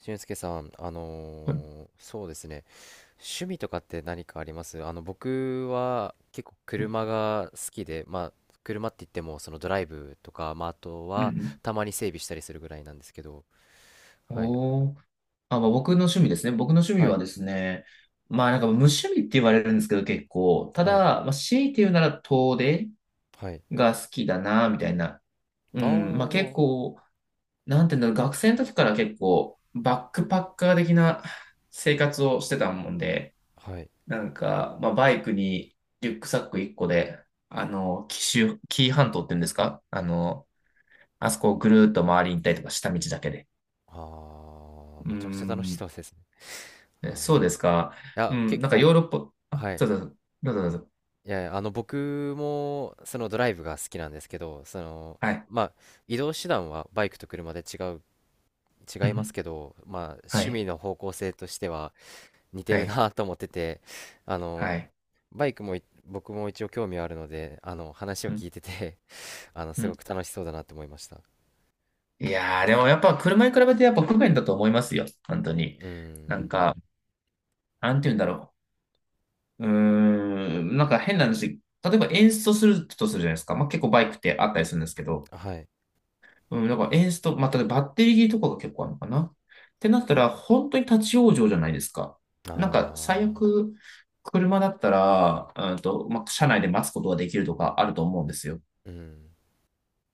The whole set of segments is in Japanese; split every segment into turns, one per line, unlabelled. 俊介さん、
はい。
そうですね、趣味とかって何かあります僕は結構
うん。
車が好きで、まあ、車って言っても、そのドライブとか、まあ、あと
うん。う
は、
ん。
たまに整備したりするぐらいなんですけど、はい、
おー。あ、まあ、僕の趣味ですね。僕の趣味
は
は
い、
ですね、まあなんか無趣味って言われるんですけど結構、た
は
だ、
い、
まあ、強いて言うなら遠出
はい。
が好きだな、みたいな。う
あ
ん、まあ結
あ、
構、なんていうんだろう、学生の時から結構バックパッカー的な生活をしてたもんで、
はい。
なんか、まあバイクにリュックサック1個で、紀州、紀伊半島って言うんですかあそこをぐるーっと回りに行ったりとか下道だけで。
ああ、
うー
めちゃくちゃ楽し
ん。
そうですね。
えそう
ああ、
ですか。
い
う
や、
ん、
結
なんか
構、
ヨーロッパ、あ、
はい。
どうぞ、どうぞ、どうぞ。
いやいや、あの、僕も、そのドライブが好きなんですけど、その、
はい。
まあ、移動手段はバイクと車で違う
う
違
ん
い
う
ます
ん、
けど、まあ、
は
趣
い、
味の方向性としては似て
は
る
い、
なと思ってて、あ
は
の、
い。
バイクもい僕も一応興味はあるので、あの、話を
うん、
聞いてて あの、
う
す
ん。
ごく楽しそうだなと思いました。う
いやー、でもやっぱ車に比べてやっぱ不便だと思いますよ。本当に。な
ん、
んか、なんて言うんだろう。うーん、なんか変な話。例えば演奏するとするじゃないですか。まあ、結構バイクってあったりするんですけど。
はい。
うん、なんかエンスト、まあ、ただバッテリー切りとかが結構あるのかな。ってなったら、本当に立ち往生じゃないですか。
あ
なんか、最悪、車だったら、まあ、車内で待つことができるとかあると思うんですよ。
ー、うん、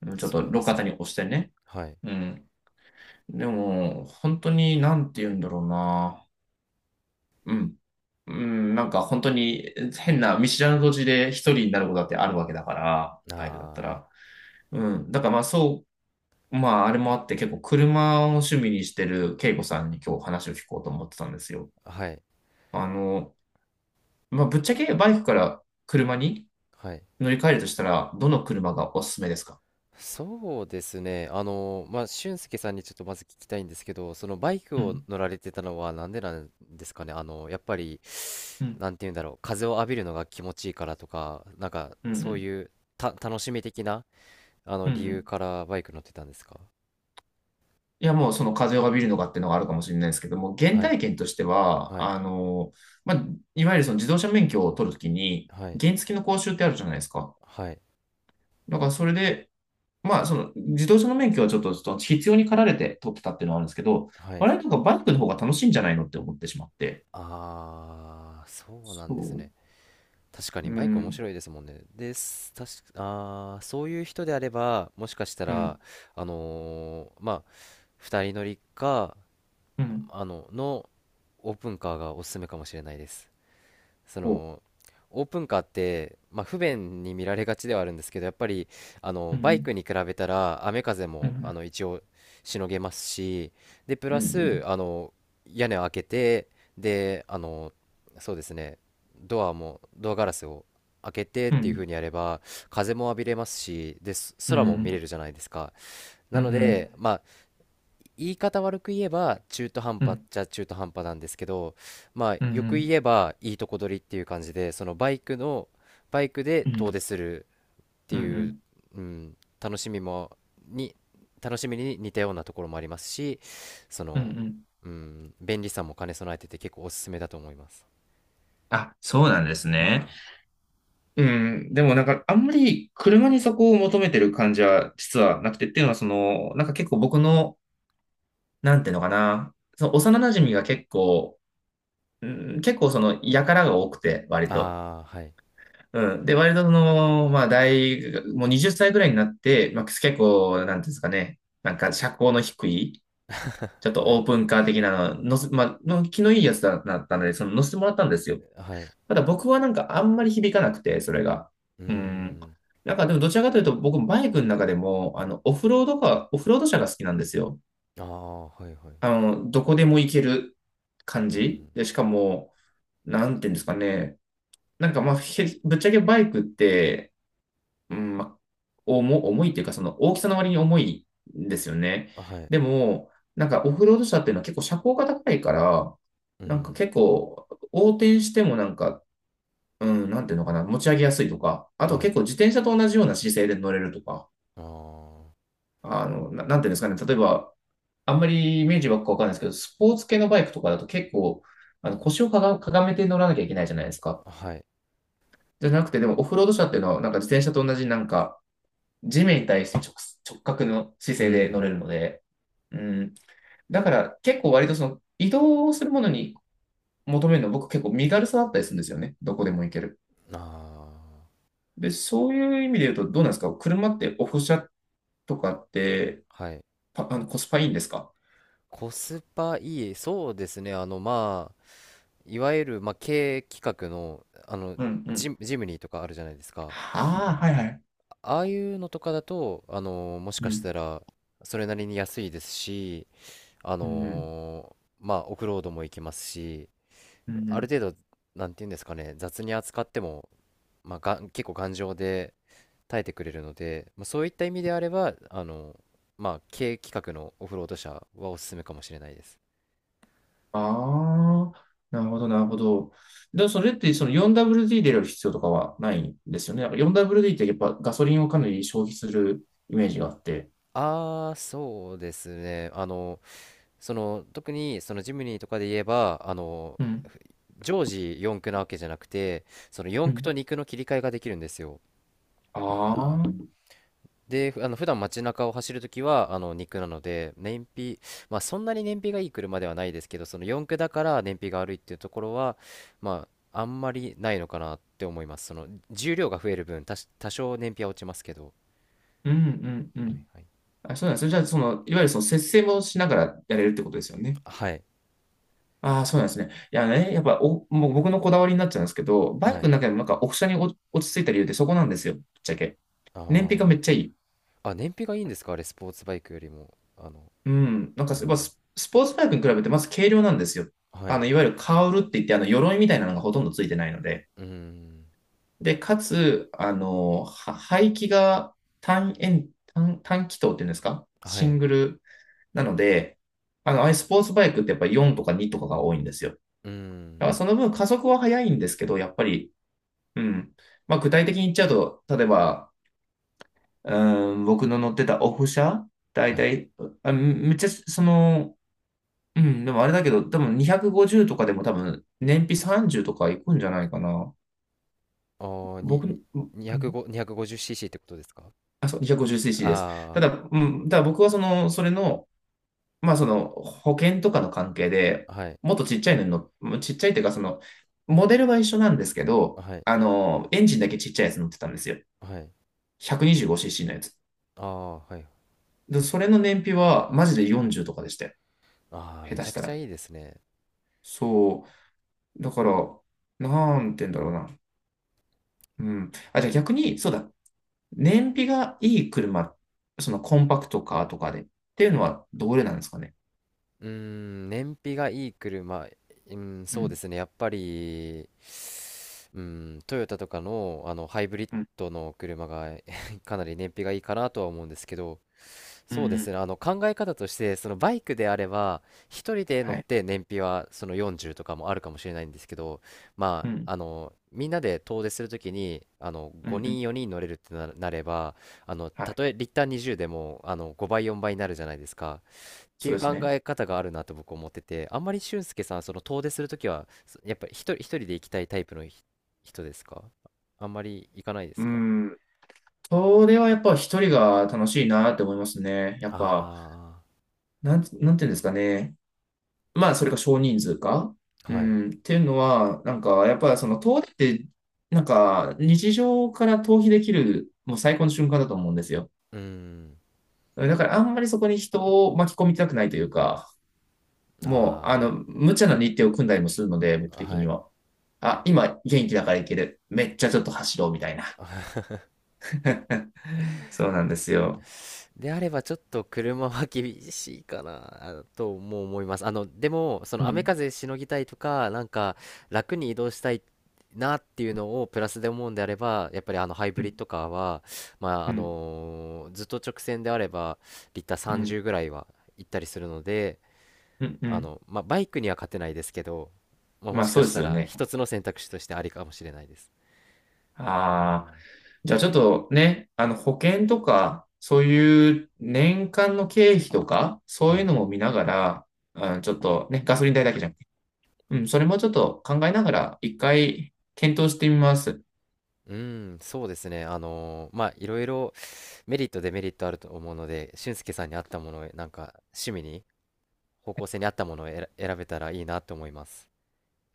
うん。ちょっと
そうで
路
す
肩
ね。
に押してね。
はい。
うん。でも、本当に、なんて言うんだろうな。うん。うん、なんか本当に変な見知らぬ土地で一人になることだってあるわけだから、バイクだった
あ
ら。うん。だからまあそう。まあ、あれもあって結構車を趣味にしてる恵子さんに今日話を聞こうと思ってたんですよ。
ー、はい、
あの、まあ、ぶっちゃけバイクから車に
はい。
乗り換えるとしたら、どの車がおすすめですか？
そうですね。あの、まあ、俊介さんにちょっとまず聞きたいんですけど、そのバイク
う
を
ん。
乗られてたのはなんでなんですかね。あの、やっぱり
うん。
なんて言うんだろう、風を浴びるのが気持ちいいからとか、なんか
う
そう
ん。
いう楽しみ的なあの
うん。う
理
ん。う
由
ん。
からバイク乗ってたんですか？
いや、もうその風を浴びるのかっていうのがあるかもしれないですけども、原
はい、
体験としては、
はい、
あの、まあ、いわゆるその自動車免許を取るときに、
はい、
原付の講習ってあるじゃないですか。
はい、
だからそれで、まあ、その、自動車の免許はちょっと必要に駆られて取ってたっていうのはあるんですけど、
はい。
我々とかバイクの方が楽しいんじゃないのって思ってしまって。
ああー、そうなん
そ
ですね。確か
う。う
にバイク面
ん、
白いですもんね。です、確か、あー、そういう人であれば、もしかした
う
ら、
ん、
まあ、二人乗りか、
うん、
あの、のオープンカーがおすすめかもしれないです。そ
お、
のオープンカーって、まあ、不便に見られがちではあるんですけど、やっぱりあ
う
の
ん、う
バイ
ん、
クに比べたら雨風
う
もあ
ん、
の一応しのげますし、でプ
う
ラス
ん、
あの屋根を開けて、であのそうですね、ドアガラスを開けてっ
うん、う
ていう
ん、
風にやれば風も浴びれますし、で
う
空も見れ
ん、
るじゃないですか。
う
な
ん、う
の
ん、
で、まあ、言い方悪く言えば中途半
う
端っ
ん、
ちゃ中途半端なんですけど、まあ、
うん、
よ
う
く言
ん、
えばいいとこ取りっていう感じで、バイクで
う
遠
ん、
出するって
う
いう、
ん、
うん、に、楽しみに似たようなところもありますし、そ
うん、う
の、
ん。
うん、便利さも兼ね備えてて結構おすすめだと思います。
あ、そうなんですね。うん、でもなんかあんまり車にそこを求めてる感じは実はなくてっていうのはその、なんか結構僕の、なんていうのかな、その幼馴染が結構うん、結構その、やからが多くて、割と。
ああ、はい
うん。で、割とその、まあ、大学、もう20歳ぐらいになって、まあ、結構、なんていうんですかね、なんか、社交の低い、ちょっ と
は
オ
い。
ープンカー的なの、のせ、まあ、の気のいいやつだったので、その、乗せてもらったんですよ。
はい。
ただ僕はなんか、あんまり響かなくて、それが。
うー
うん。
ん。
なんか、でも、どちらかというと、僕、バイクの中でも、あの、オフロードか、オフロード車が好きなんですよ。
ああ、はいはい。
あの、どこでも行ける感
う
じ。
ん。
で、しかも、なんていうんですかね、なんかまあ、ぶっちゃけバイクって、うん、まあ、重いっていうか、その大きさの割に重いんですよね。
はい。
でも、なんかオフロード車っていうのは結構車高が高いから、
う
なんか
ん。
結構横転してもなんか、うん、なんていうのかな、持ち上げやすいとか、あと
はい。
結構自転車と同じような姿勢で乗れるとか、
ああ、
あの、なんていうんですかね、例えば、あんまりイメージばっかわかんないですけど、スポーツ系のバイクとかだと結構、あの腰をかがめて乗らなきゃいけないじゃないですか。
はい。
じゃなくて、でもオフロード車っていうのは、なんか自転車と同じなんか、地面に対して直角の姿
う
勢で乗れ
ん。
るので、うん。だから結構割とその移動するものに求めるの僕結構身軽さだったりするんですよね。どこでも行ける。
あ
で、そういう意味で言うとどうなんですか？車ってオフ車とかって
あ、はい。
パ、あのコスパいいんですか？
コスパいい。そうですね。あの、まあ、いわゆる、まあ、経営企画の、あの、
うんうん。
ジムニーとかあるじゃないですか。
はあ、はいはい。
ああいうのとかだと、あの、もし
う
かし
ん。
たら、それなりに安いですし、あ
うんうん。
の、まあ、オフロードも行けますし、
うんう
あ
ん。
る程度、なんていうんですかね、雑に扱っても、結構頑丈で耐えてくれるので、まあ、そういった意味であれば、あの、まあ、軽規格のオフロード車はおすすめかもしれないです。
ああ、なるほど、なるほど。でもそれってその 4WD で入れる必要とかはないんですよね。なんか 4WD ってやっぱガソリンをかなり消費するイメージがあって。
ああ、そうですね。あの、その、特に、そのジムニーとかで言えば、あの、
うん、
常時四駆なわけじゃなくて、その
う
四駆と
ん。
二駆の切り替えができるんですよ。あ
ああ、
ー、
うん、
で、あの、普段街中を走るときは、あの、二駆なので、燃費、まあ、そんなに燃費がいい車ではないですけど、その四駆だから燃費が悪いっていうところは、まあ、あんまりないのかなって思います。その、重量が増える分、多少燃費は落ちますけど。
うん、う
はい
ん。
はい。
あ、そうなんですね。じゃあ、その、いわゆるその節制もしながらやれるってことですよね。
はい。
ああ、そうなんですね。いやね、やっぱもう僕のこだわりになっちゃうんですけど、バイ
は
クの
い。
中でもなんかオフ車に落ち着いた理由ってそこなんですよ、ぶっちゃけ。
あ
燃費がめっちゃ
あ。
いい。
あ、燃費がいいんですかあれ、スポーツバイクよりも。あの、
うん、なんか
う
やっぱ
ん。
スポーツバイクに比べてまず軽量なんですよ。
は
あ
い。
の、いわゆるカウルって言って、あの、鎧みたいなのがほとんどついてないので。
うん。
で、かつ、あの、排気が単円、単、単気筒っていうんですか
は
シン
い。
グルなので、あの、ああいうスポーツバイクってやっぱり4とか2とかが多いんですよ。だ
う
から
ん。
その分加速は速いんですけど、やっぱり、うん。まあ、具体的に言っちゃうと、例えば、うん、僕の乗ってたオフ車、だい
はい。
たい、あめっちゃ、その、うん、でもあれだけど、多分250とかでも多分燃費30とかいくんじゃないかな。
ああ、に、に、
僕、うんう
205、250cc ってことですか？
あ、そう、250cc です。
あ
ただ、うただ僕はその、それの、まあその、保険とかの関係で、
あー、はい。
もっとちっちゃいのにちっちゃいっていうか、その、モデルは一緒なんですけど、
はい。
あの、エンジンだけちっちゃいやつ乗ってたんですよ。
はい。
125cc のやつ。
ああ、はい。
で、それの燃費はマジで40とかでしたよ。
ああ、
下
め
手
ち
し
ゃく
た
ちゃ
ら。
いいですね。
そう。だから、なんて言うんだろうな。うん。あ、じゃあ逆に、そうだ。燃費がいい車、そのコンパクトカーとかでっていうのはどれなんですかね。
うーん、燃費がいい車、うん、
う
そうで
ん、
すね、やっぱり、うん、トヨタとかの、ハイブリッ
うん、
ドの車が かなり燃費がいいかなとは思うんですけど、
うん、
そうで
う
す
ん
ね、あの考え方として、そのバイクであれば、一人で乗
は
っ
い。
て燃費はその40とかもあるかもしれないんですけど、ま
うん、
あ、あの、みんなで遠出するときに、あの、
うん、う
5
ん、
人、4人乗れるってなれば、あの、
は
た
い。
とえリッター20でも、あの、5倍、4倍になるじゃないですか。って
そ
い
う
う
です
考
ね。
え方があるなと僕思ってて、あんまり俊介さん、その遠出するときは、やっぱり一人で行きたいタイプの人ですか？あんまり行かないで
う
すか？
ん。それはやっぱ一人が楽しいなって思いますね。やっぱ、
あ
なんていうんですかね。まあ、それか少人数か。
あー、
う
はい。
ん。っていうのは、なんか、やっぱその遠出って、なんか、日常から逃避できる、もう最高の瞬間だと思うんですよ。
うーん、
だから、あんまりそこに人を巻き込みたくないというか、もう、あの、
あ
無茶な日程を組んだりもするので、僕
あ、
的
は
に
い。
は。あ、今元気だからいける。めっちゃちょっと走ろうみたいな。そうなんですよ。
であればちょっと車は厳しいかなあとも思います。あの、でも、そ
う
の雨
ん、
風しのぎたいとか、なんか楽に移動したいなっていうのをプラスで思うんであれば、やっぱりあのハイ
う
ブリッ
ん、
ドカーは、まあ、
う
あ
ん、
のずっと直線であれば、リッター
うん、
30ぐらいは行ったりするので、
うん、う
あ
ん。
の、まあ、バイクには勝てないですけど、まあ、も
まあ
しか
そうで
し
す
た
よ
ら
ね。
一つの選択肢としてありかもしれないです。う
ああ。
ん、
じゃあちょっとね、あの保険とか、そういう年間の経費とか、そう
は
いう
い。
のも見ながら、あのちょっとね、ガソリン代だけじゃなくて、うん、それもちょっと考えながら、1回検討してみます。
うん、そうですね。まあ、いろいろメリット、デメリットあると思うので、俊介さんに合ったものを、なんか、趣味に、方向性に合ったものを選べたらいいなと思います。